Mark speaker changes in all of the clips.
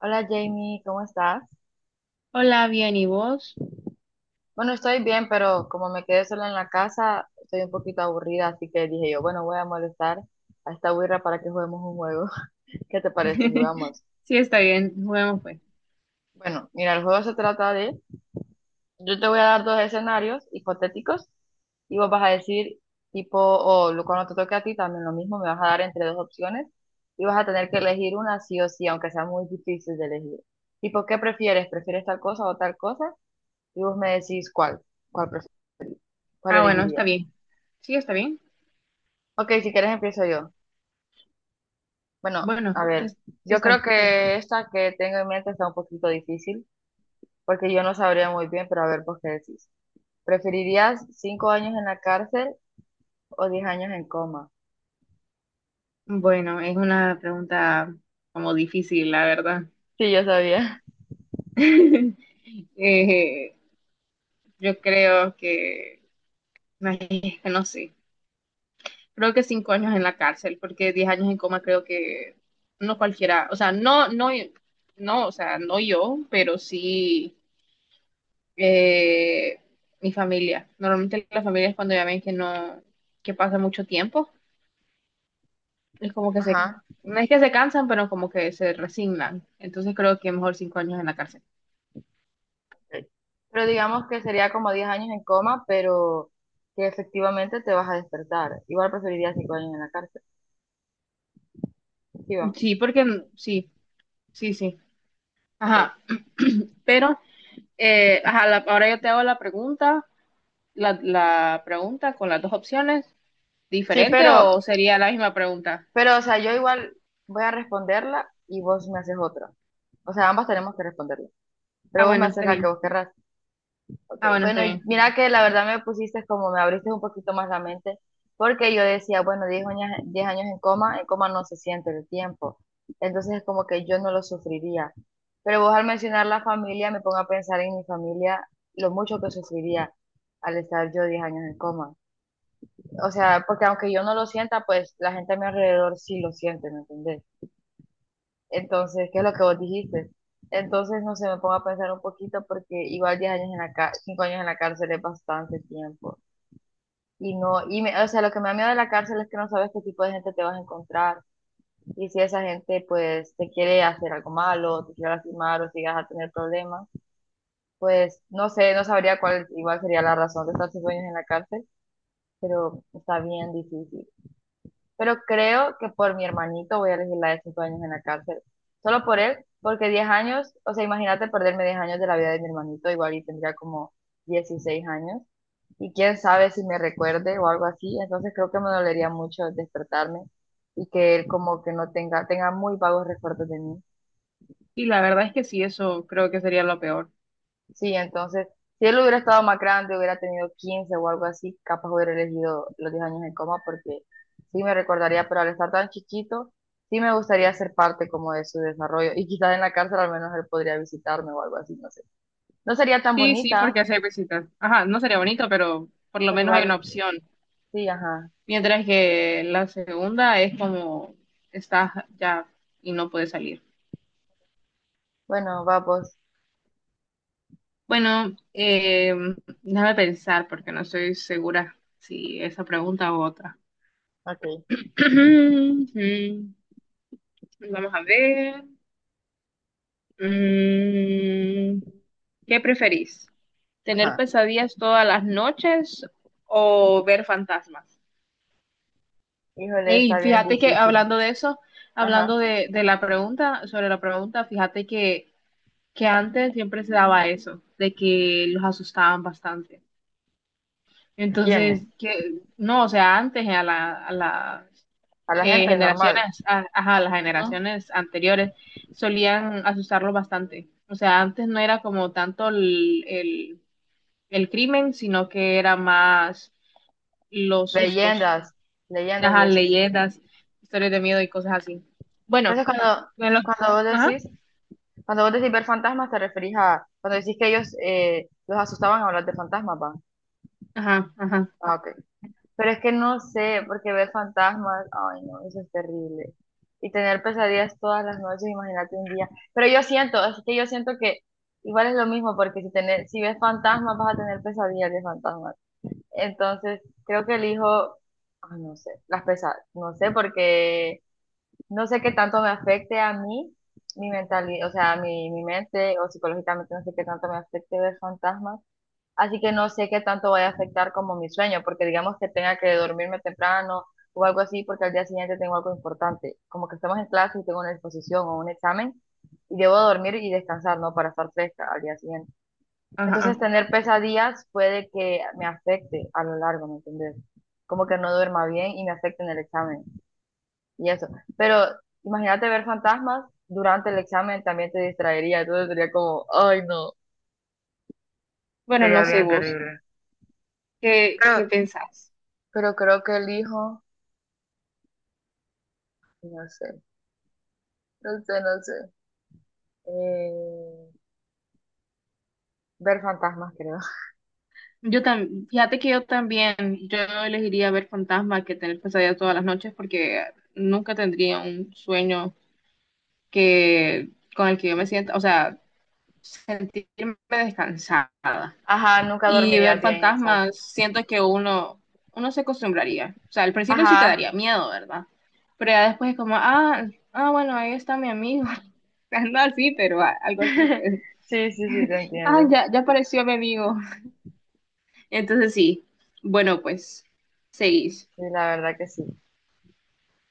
Speaker 1: Hola Jamie, ¿cómo estás?
Speaker 2: Hola, bien, ¿y vos?
Speaker 1: Bueno, estoy bien, pero como me quedé sola en la casa, estoy un poquito aburrida, así que dije yo, bueno, voy a molestar a esta güira para que juguemos un juego. ¿Qué te parece? Jugamos.
Speaker 2: Sí, está bien, juguemos pues.
Speaker 1: Bueno, mira, el juego se trata de, yo te voy a dar dos escenarios hipotéticos y vos vas a decir tipo, cuando te toque a ti también lo mismo, me vas a dar entre dos opciones y vas a tener que elegir una sí o sí, aunque sea muy difícil de elegir. Tipo, ¿qué prefieres? ¿Prefieres tal cosa o tal cosa? Y vos me decís cuál prefieres. ¿Cuál
Speaker 2: Ah, bueno, está
Speaker 1: elegirías?
Speaker 2: bien. Sí, está bien.
Speaker 1: Ok, si quieres empiezo yo. Bueno,
Speaker 2: Bueno,
Speaker 1: a
Speaker 2: sí,
Speaker 1: ver,
Speaker 2: sí
Speaker 1: yo
Speaker 2: está
Speaker 1: creo
Speaker 2: bien.
Speaker 1: que esta que tengo en mente está un poquito difícil, porque yo no sabría muy bien, pero a ver, pues qué decís. ¿Preferirías cinco años en la cárcel o diez años en coma?
Speaker 2: Bueno, es una pregunta como difícil, la verdad.
Speaker 1: Sí, yo sabía.
Speaker 2: Eh, yo creo que, ay, es que no sé, creo que 5 años en la cárcel, porque 10 años en coma creo que no cualquiera, o sea, no, no, no, o sea, no yo, pero sí. eh, mi familia. Normalmente las familias cuando ya ven que no, que pasa mucho tiempo, es como que se,
Speaker 1: Ajá.
Speaker 2: no es que se cansan, pero como que se resignan. Entonces creo que mejor 5 años en la cárcel.
Speaker 1: Ok. Pero digamos que sería como diez años en coma, pero que efectivamente te vas a despertar. Igual preferiría cinco años en la cárcel. Sí, va.
Speaker 2: Sí, porque sí, sí, sí.
Speaker 1: Ok.
Speaker 2: Ajá, pero ajá, ahora yo te hago la pregunta, la pregunta con las dos opciones,
Speaker 1: Sí,
Speaker 2: ¿diferente o sería la misma pregunta?
Speaker 1: o sea, yo igual voy a responderla y vos me haces otra. O sea, ambas tenemos que responderla.
Speaker 2: Ah,
Speaker 1: Pero vos me
Speaker 2: bueno,
Speaker 1: haces
Speaker 2: está
Speaker 1: la que
Speaker 2: bien.
Speaker 1: vos querrás. Ok,
Speaker 2: Ah, bueno, está
Speaker 1: bueno, y
Speaker 2: bien.
Speaker 1: mira que la verdad me pusiste como me abriste un poquito más la mente, porque yo decía, bueno, 10 años en coma no se siente el tiempo, entonces es como que yo no lo sufriría. Pero vos al mencionar la familia, me pongo a pensar en mi familia, lo mucho que sufriría al estar yo 10 años en coma. O sea, porque aunque yo no lo sienta, pues la gente a mi alrededor sí lo siente, ¿me entendés? Entonces, ¿qué es lo que vos dijiste? Entonces, no sé, me pongo a pensar un poquito porque igual 10 años en la cárcel, 5 años en la cárcel es bastante tiempo. Y no, o sea, lo que me da miedo de la cárcel es que no sabes qué tipo de gente te vas a encontrar. Y si esa gente, pues, te quiere hacer algo malo, te quiere lastimar o si vas a tener problemas, pues, no sé, no sabría cuál igual sería la razón de estar 5 años en la cárcel, pero está bien difícil. Pero creo que por mi hermanito voy a elegir la de cinco años en la cárcel. Solo por él, porque 10 años, o sea, imagínate perderme 10 años de la vida de mi hermanito, igual y tendría como 16 años. Y quién sabe si me recuerde o algo así, entonces creo que me dolería mucho despertarme y que él como que no tenga, tenga muy vagos recuerdos de mí.
Speaker 2: Y la verdad es que sí, eso creo que sería lo peor.
Speaker 1: Sí, entonces, si él hubiera estado más grande, hubiera tenido 15 o algo así, capaz hubiera elegido los 10 años en coma porque sí me recordaría, pero al estar tan chiquito, sí me gustaría ser parte como de su desarrollo y quizás en la cárcel al menos él podría visitarme o algo así, no sé. No sería tan
Speaker 2: Sí, sí, porque
Speaker 1: bonita,
Speaker 2: hacer visitas. Ajá, no sería
Speaker 1: mm,
Speaker 2: bonito, pero por lo
Speaker 1: pero
Speaker 2: menos hay una
Speaker 1: igual,
Speaker 2: opción.
Speaker 1: sí, ajá.
Speaker 2: Mientras que la segunda es como estás ya y no puedes salir.
Speaker 1: Bueno, vamos,
Speaker 2: Bueno, déjame pensar porque no estoy segura si esa pregunta u otra.
Speaker 1: ok,
Speaker 2: Vamos a ver. Mm, ¿Qué preferís? ¿Tener
Speaker 1: ajá.
Speaker 2: pesadillas todas las noches o ver fantasmas?
Speaker 1: Híjole,
Speaker 2: Y
Speaker 1: está bien
Speaker 2: fíjate que
Speaker 1: difícil.
Speaker 2: hablando de eso,
Speaker 1: Ajá.
Speaker 2: hablando de la pregunta, sobre la pregunta, fíjate que antes siempre se daba eso, de que los asustaban bastante.
Speaker 1: ¿A quiénes?
Speaker 2: Entonces, que, no, o sea, antes a la, a las
Speaker 1: A la gente normal.
Speaker 2: generaciones, a, ajá, a las
Speaker 1: ¿No?
Speaker 2: generaciones anteriores solían asustarlos bastante. O sea, antes no era como tanto el crimen, sino que era más los sustos,
Speaker 1: Leyendas, leyendas y
Speaker 2: ajá,
Speaker 1: eso.
Speaker 2: leyendas, historias de miedo y cosas así. Bueno,
Speaker 1: Entonces cuando,
Speaker 2: bueno,
Speaker 1: cuando vos
Speaker 2: ajá,
Speaker 1: decís Cuando vos decís ver fantasmas, te referís a cuando decís que ellos los asustaban a hablar de fantasmas, ¿va?
Speaker 2: ajá, ajá,
Speaker 1: Ah, ok. Pero es que no sé, porque ver fantasmas, ay, no, eso es terrible. Y tener pesadillas todas las noches, imagínate un día. Pero yo siento, es que yo siento que igual es lo mismo, porque si ves fantasmas, vas a tener pesadillas de fantasmas. Entonces, creo que elijo, ay, no sé, las pesadillas, no sé, porque no sé qué tanto me afecte a mí, mi mentalidad, o sea, mi mente o psicológicamente no sé qué tanto me afecte ver fantasmas. Así que no sé qué tanto vaya a afectar como mi sueño, porque digamos que tenga que dormirme temprano o algo así, porque al día siguiente tengo algo importante. Como que estamos en clase y tengo una exposición o un examen y debo dormir y descansar, ¿no? Para estar fresca al día siguiente.
Speaker 2: ajá.
Speaker 1: Entonces,
Speaker 2: Ajá.
Speaker 1: tener pesadillas puede que me afecte a lo largo, ¿me entiendes? Como que no duerma bien y me afecte en el examen y eso. Pero imagínate ver fantasmas durante el examen también te distraería, entonces sería como, ay no,
Speaker 2: Bueno,
Speaker 1: sería
Speaker 2: no sé
Speaker 1: bien
Speaker 2: vos,
Speaker 1: terrible.
Speaker 2: ¿qué
Speaker 1: Pero,
Speaker 2: pensás?
Speaker 1: pero creo que elijo, no sé, no sé, no sé, eh, ver fantasmas creo.
Speaker 2: Yo también, fíjate que yo también, yo elegiría ver fantasmas que tener pesadillas todas las noches porque nunca tendría un sueño que con el que yo me sienta, o sea, sentirme descansada.
Speaker 1: Ajá, nunca
Speaker 2: Y
Speaker 1: dormiría
Speaker 2: ver
Speaker 1: bien, exacto.
Speaker 2: fantasmas, siento que uno se acostumbraría. O sea, al principio sí te
Speaker 1: Ajá,
Speaker 2: daría miedo, ¿verdad? Pero ya después es como, ah, bueno, ahí está mi amigo. No, sí, pero algo así,
Speaker 1: sí,
Speaker 2: pues.
Speaker 1: sí, sí, te
Speaker 2: Ah,
Speaker 1: entiendo.
Speaker 2: ya, ya apareció mi amigo. Entonces sí. Bueno, pues, seguís.
Speaker 1: Sí, la verdad que sí.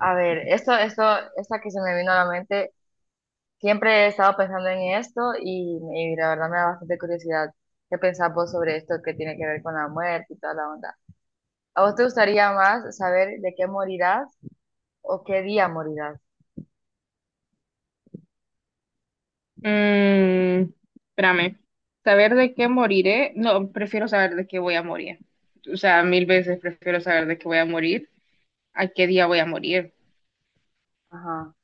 Speaker 1: A ver, esta que se me vino a la mente. Siempre he estado pensando en esto y la verdad me da bastante curiosidad qué pensás vos sobre esto que tiene que ver con la muerte y toda la onda. ¿A vos te gustaría más saber de qué morirás o qué día morirás?
Speaker 2: Mm, espérame. ¿Saber de qué moriré? No, prefiero saber de qué voy a morir. O sea, mil veces prefiero saber de qué voy a morir, a qué día voy a morir.
Speaker 1: Ajá.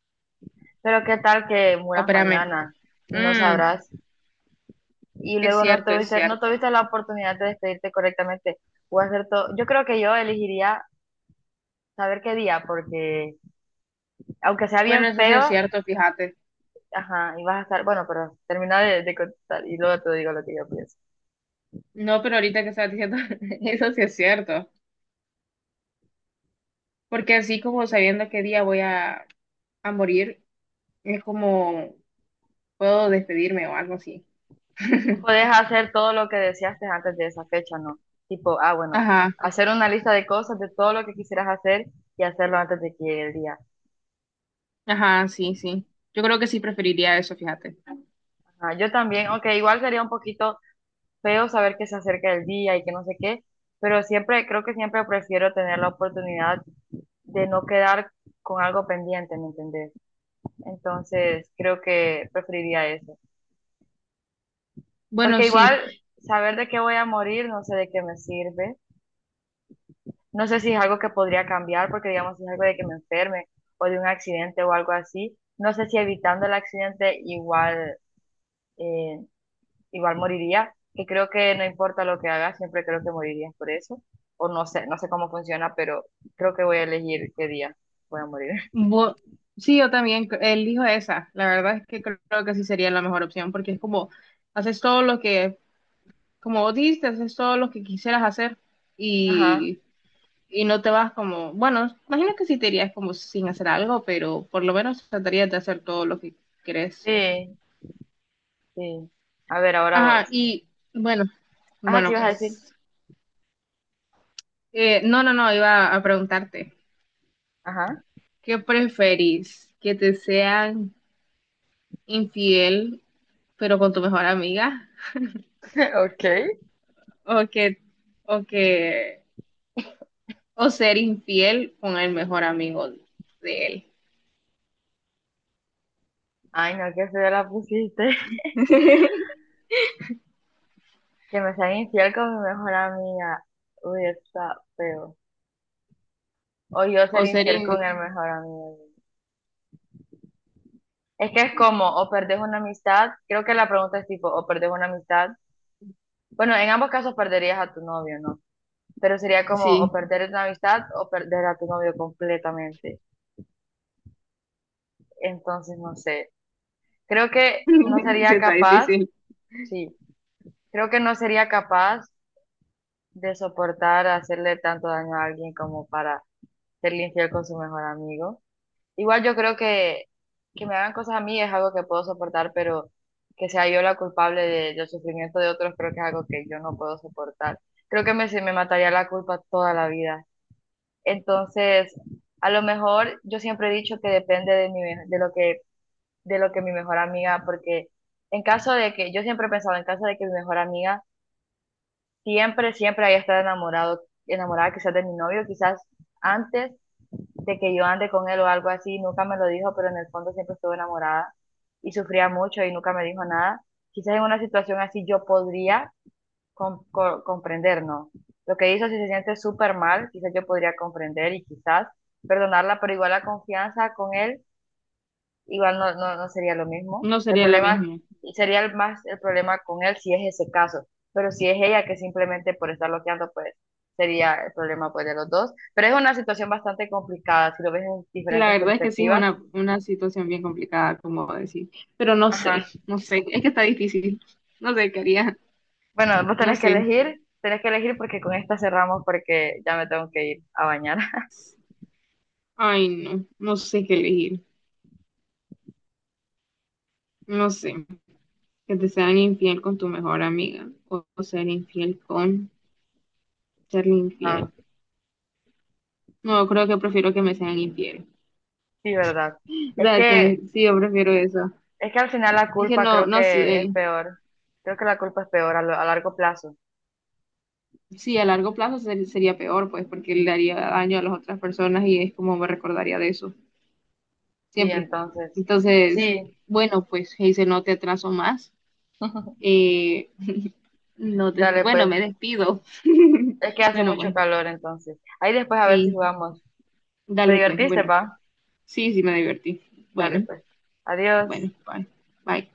Speaker 1: Pero qué tal que
Speaker 2: Oh,
Speaker 1: muras
Speaker 2: espérame.
Speaker 1: mañana y no
Speaker 2: Mm,
Speaker 1: sabrás y
Speaker 2: es
Speaker 1: luego no
Speaker 2: cierto, es
Speaker 1: tuviste, no
Speaker 2: cierto.
Speaker 1: tuviste la oportunidad de despedirte correctamente o hacer todo. Yo creo que yo elegiría saber qué día porque aunque sea
Speaker 2: Bueno,
Speaker 1: bien
Speaker 2: eso sí es
Speaker 1: feo,
Speaker 2: cierto, fíjate.
Speaker 1: ajá, y vas a estar, bueno, pero termina de contestar y luego te digo lo que yo pienso.
Speaker 2: No, pero ahorita que estás diciendo, eso sí es cierto. Porque así como sabiendo qué día voy a morir, es como puedo despedirme o algo así.
Speaker 1: O podés hacer todo lo que deseaste antes de esa fecha, ¿no? Tipo, ah, bueno,
Speaker 2: Ajá.
Speaker 1: hacer una lista de cosas, de todo lo que quisieras hacer y hacerlo antes de que llegue el día.
Speaker 2: Ajá, sí, sí. Yo creo que sí preferiría eso, fíjate.
Speaker 1: Ajá, yo también, aunque igual sería un poquito feo saber que se acerca el día y que no sé qué, pero siempre, creo que siempre prefiero tener la oportunidad de no quedar con algo pendiente, ¿me entendés? Entonces, creo que preferiría eso.
Speaker 2: Bueno,
Speaker 1: Porque
Speaker 2: sí.
Speaker 1: igual saber de qué voy a morir, no sé de qué me sirve. No sé si es algo que podría cambiar, porque digamos, si es algo de que me enferme o de un accidente o algo así, no sé si evitando el accidente eh, igual moriría, que creo que no importa lo que haga, siempre creo que morirías por eso, o no sé, no sé cómo funciona, pero creo que voy a elegir qué día voy a morir.
Speaker 2: Bo- sí, yo también elijo esa. La verdad es que creo que sí sería la mejor opción porque es como haces todo lo que, como vos dijiste, haces todo lo que quisieras hacer
Speaker 1: Ajá,
Speaker 2: y, y no te vas como, bueno, imagino que sí te irías como sin hacer algo, pero por lo menos tratarías de hacer todo lo que querés.
Speaker 1: sí, sí. A ver, ahora vos.
Speaker 2: Ajá, y bueno,
Speaker 1: Ajá, ¿qué
Speaker 2: bueno,
Speaker 1: ibas a decir?
Speaker 2: pues. No, no, no, iba a preguntarte.
Speaker 1: Ajá,
Speaker 2: ¿Qué preferís? ¿Que te sean infiel, pero con tu mejor amiga,
Speaker 1: ok.
Speaker 2: o o que, o ser infiel con el mejor amigo de él,
Speaker 1: Ay, no, qué feo la pusiste. Que me sea infiel con mi mejor amiga. Uy, está feo. O yo ser
Speaker 2: o ser
Speaker 1: infiel con
Speaker 2: in-
Speaker 1: el mejor amigo. Es que es como, o perdés una amistad, creo que la pregunta es tipo, o perdés una amistad. Bueno, en ambos casos perderías a tu novio, ¿no? Pero sería como, o
Speaker 2: sí,
Speaker 1: perder una amistad o perder a tu novio completamente. Entonces, no sé. Creo que no
Speaker 2: sí
Speaker 1: sería
Speaker 2: está
Speaker 1: capaz,
Speaker 2: difícil,
Speaker 1: sí, creo que no sería capaz de soportar hacerle tanto daño a alguien como para serle infiel con su mejor amigo. Igual yo creo que me hagan cosas a mí es algo que puedo soportar, pero que sea yo la culpable del sufrimiento de otros creo que es algo que yo no puedo soportar. Creo que se me mataría la culpa toda la vida. Entonces, a lo mejor yo siempre he dicho que depende de de lo que mi mejor amiga, porque en caso de que, yo siempre he pensado, en caso de que mi mejor amiga siempre, siempre haya estado enamorada quizás de mi novio, quizás antes de que yo ande con él o algo así, nunca me lo dijo, pero en el fondo siempre estuve enamorada y sufría mucho y nunca me dijo nada. Quizás en una situación así yo podría comprender, ¿no? Lo que hizo, si se siente súper mal, quizás yo podría comprender y quizás perdonarla, pero igual la confianza con él igual no sería lo mismo.
Speaker 2: no
Speaker 1: El
Speaker 2: sería la
Speaker 1: problema
Speaker 2: misma.
Speaker 1: sería el problema con él si es ese caso, pero si es ella que simplemente por estar bloqueando, pues sería el problema pues, de los dos. Pero es una situación bastante complicada si lo ves en
Speaker 2: Sí, la
Speaker 1: diferentes
Speaker 2: verdad es que sí es
Speaker 1: perspectivas.
Speaker 2: una situación bien complicada, como decir, pero no sé,
Speaker 1: Ajá.
Speaker 2: no sé, es que está difícil, no sé qué haría,
Speaker 1: Bueno, vos
Speaker 2: no sé,
Speaker 1: tenés que elegir porque con esta cerramos porque ya me tengo que ir a bañar.
Speaker 2: ay no, no sé qué elegir, no sé, que te sean infiel con tu mejor amiga, o ser infiel con serle
Speaker 1: Ah,
Speaker 2: infiel. No, creo que prefiero que me sean infiel.
Speaker 1: sí, verdad.
Speaker 2: O
Speaker 1: Es
Speaker 2: sea, que me,
Speaker 1: que,
Speaker 2: sí, yo prefiero eso.
Speaker 1: es que al final la
Speaker 2: Es que
Speaker 1: culpa
Speaker 2: no,
Speaker 1: creo
Speaker 2: no
Speaker 1: que es
Speaker 2: sé.
Speaker 1: peor. Creo que la culpa es peor a largo plazo.
Speaker 2: Sí, a largo plazo sería peor, pues, porque le daría daño a las otras personas y es como me recordaría de eso,
Speaker 1: Sí,
Speaker 2: siempre.
Speaker 1: entonces,
Speaker 2: Entonces,
Speaker 1: sí.
Speaker 2: bueno, pues, dice, no te atraso más. Eh, no te,
Speaker 1: Dale,
Speaker 2: Bueno,
Speaker 1: pues.
Speaker 2: me despido.
Speaker 1: Es que hace
Speaker 2: Bueno,
Speaker 1: mucho
Speaker 2: pues,
Speaker 1: calor entonces. Ahí después a ver si
Speaker 2: sí,
Speaker 1: jugamos. ¿Te
Speaker 2: dale, pues,
Speaker 1: divertiste,
Speaker 2: bueno.
Speaker 1: pa?
Speaker 2: Sí, sí, me divertí.
Speaker 1: Dale,
Speaker 2: Bueno,
Speaker 1: pues. Adiós.
Speaker 2: bueno, bye. Bye.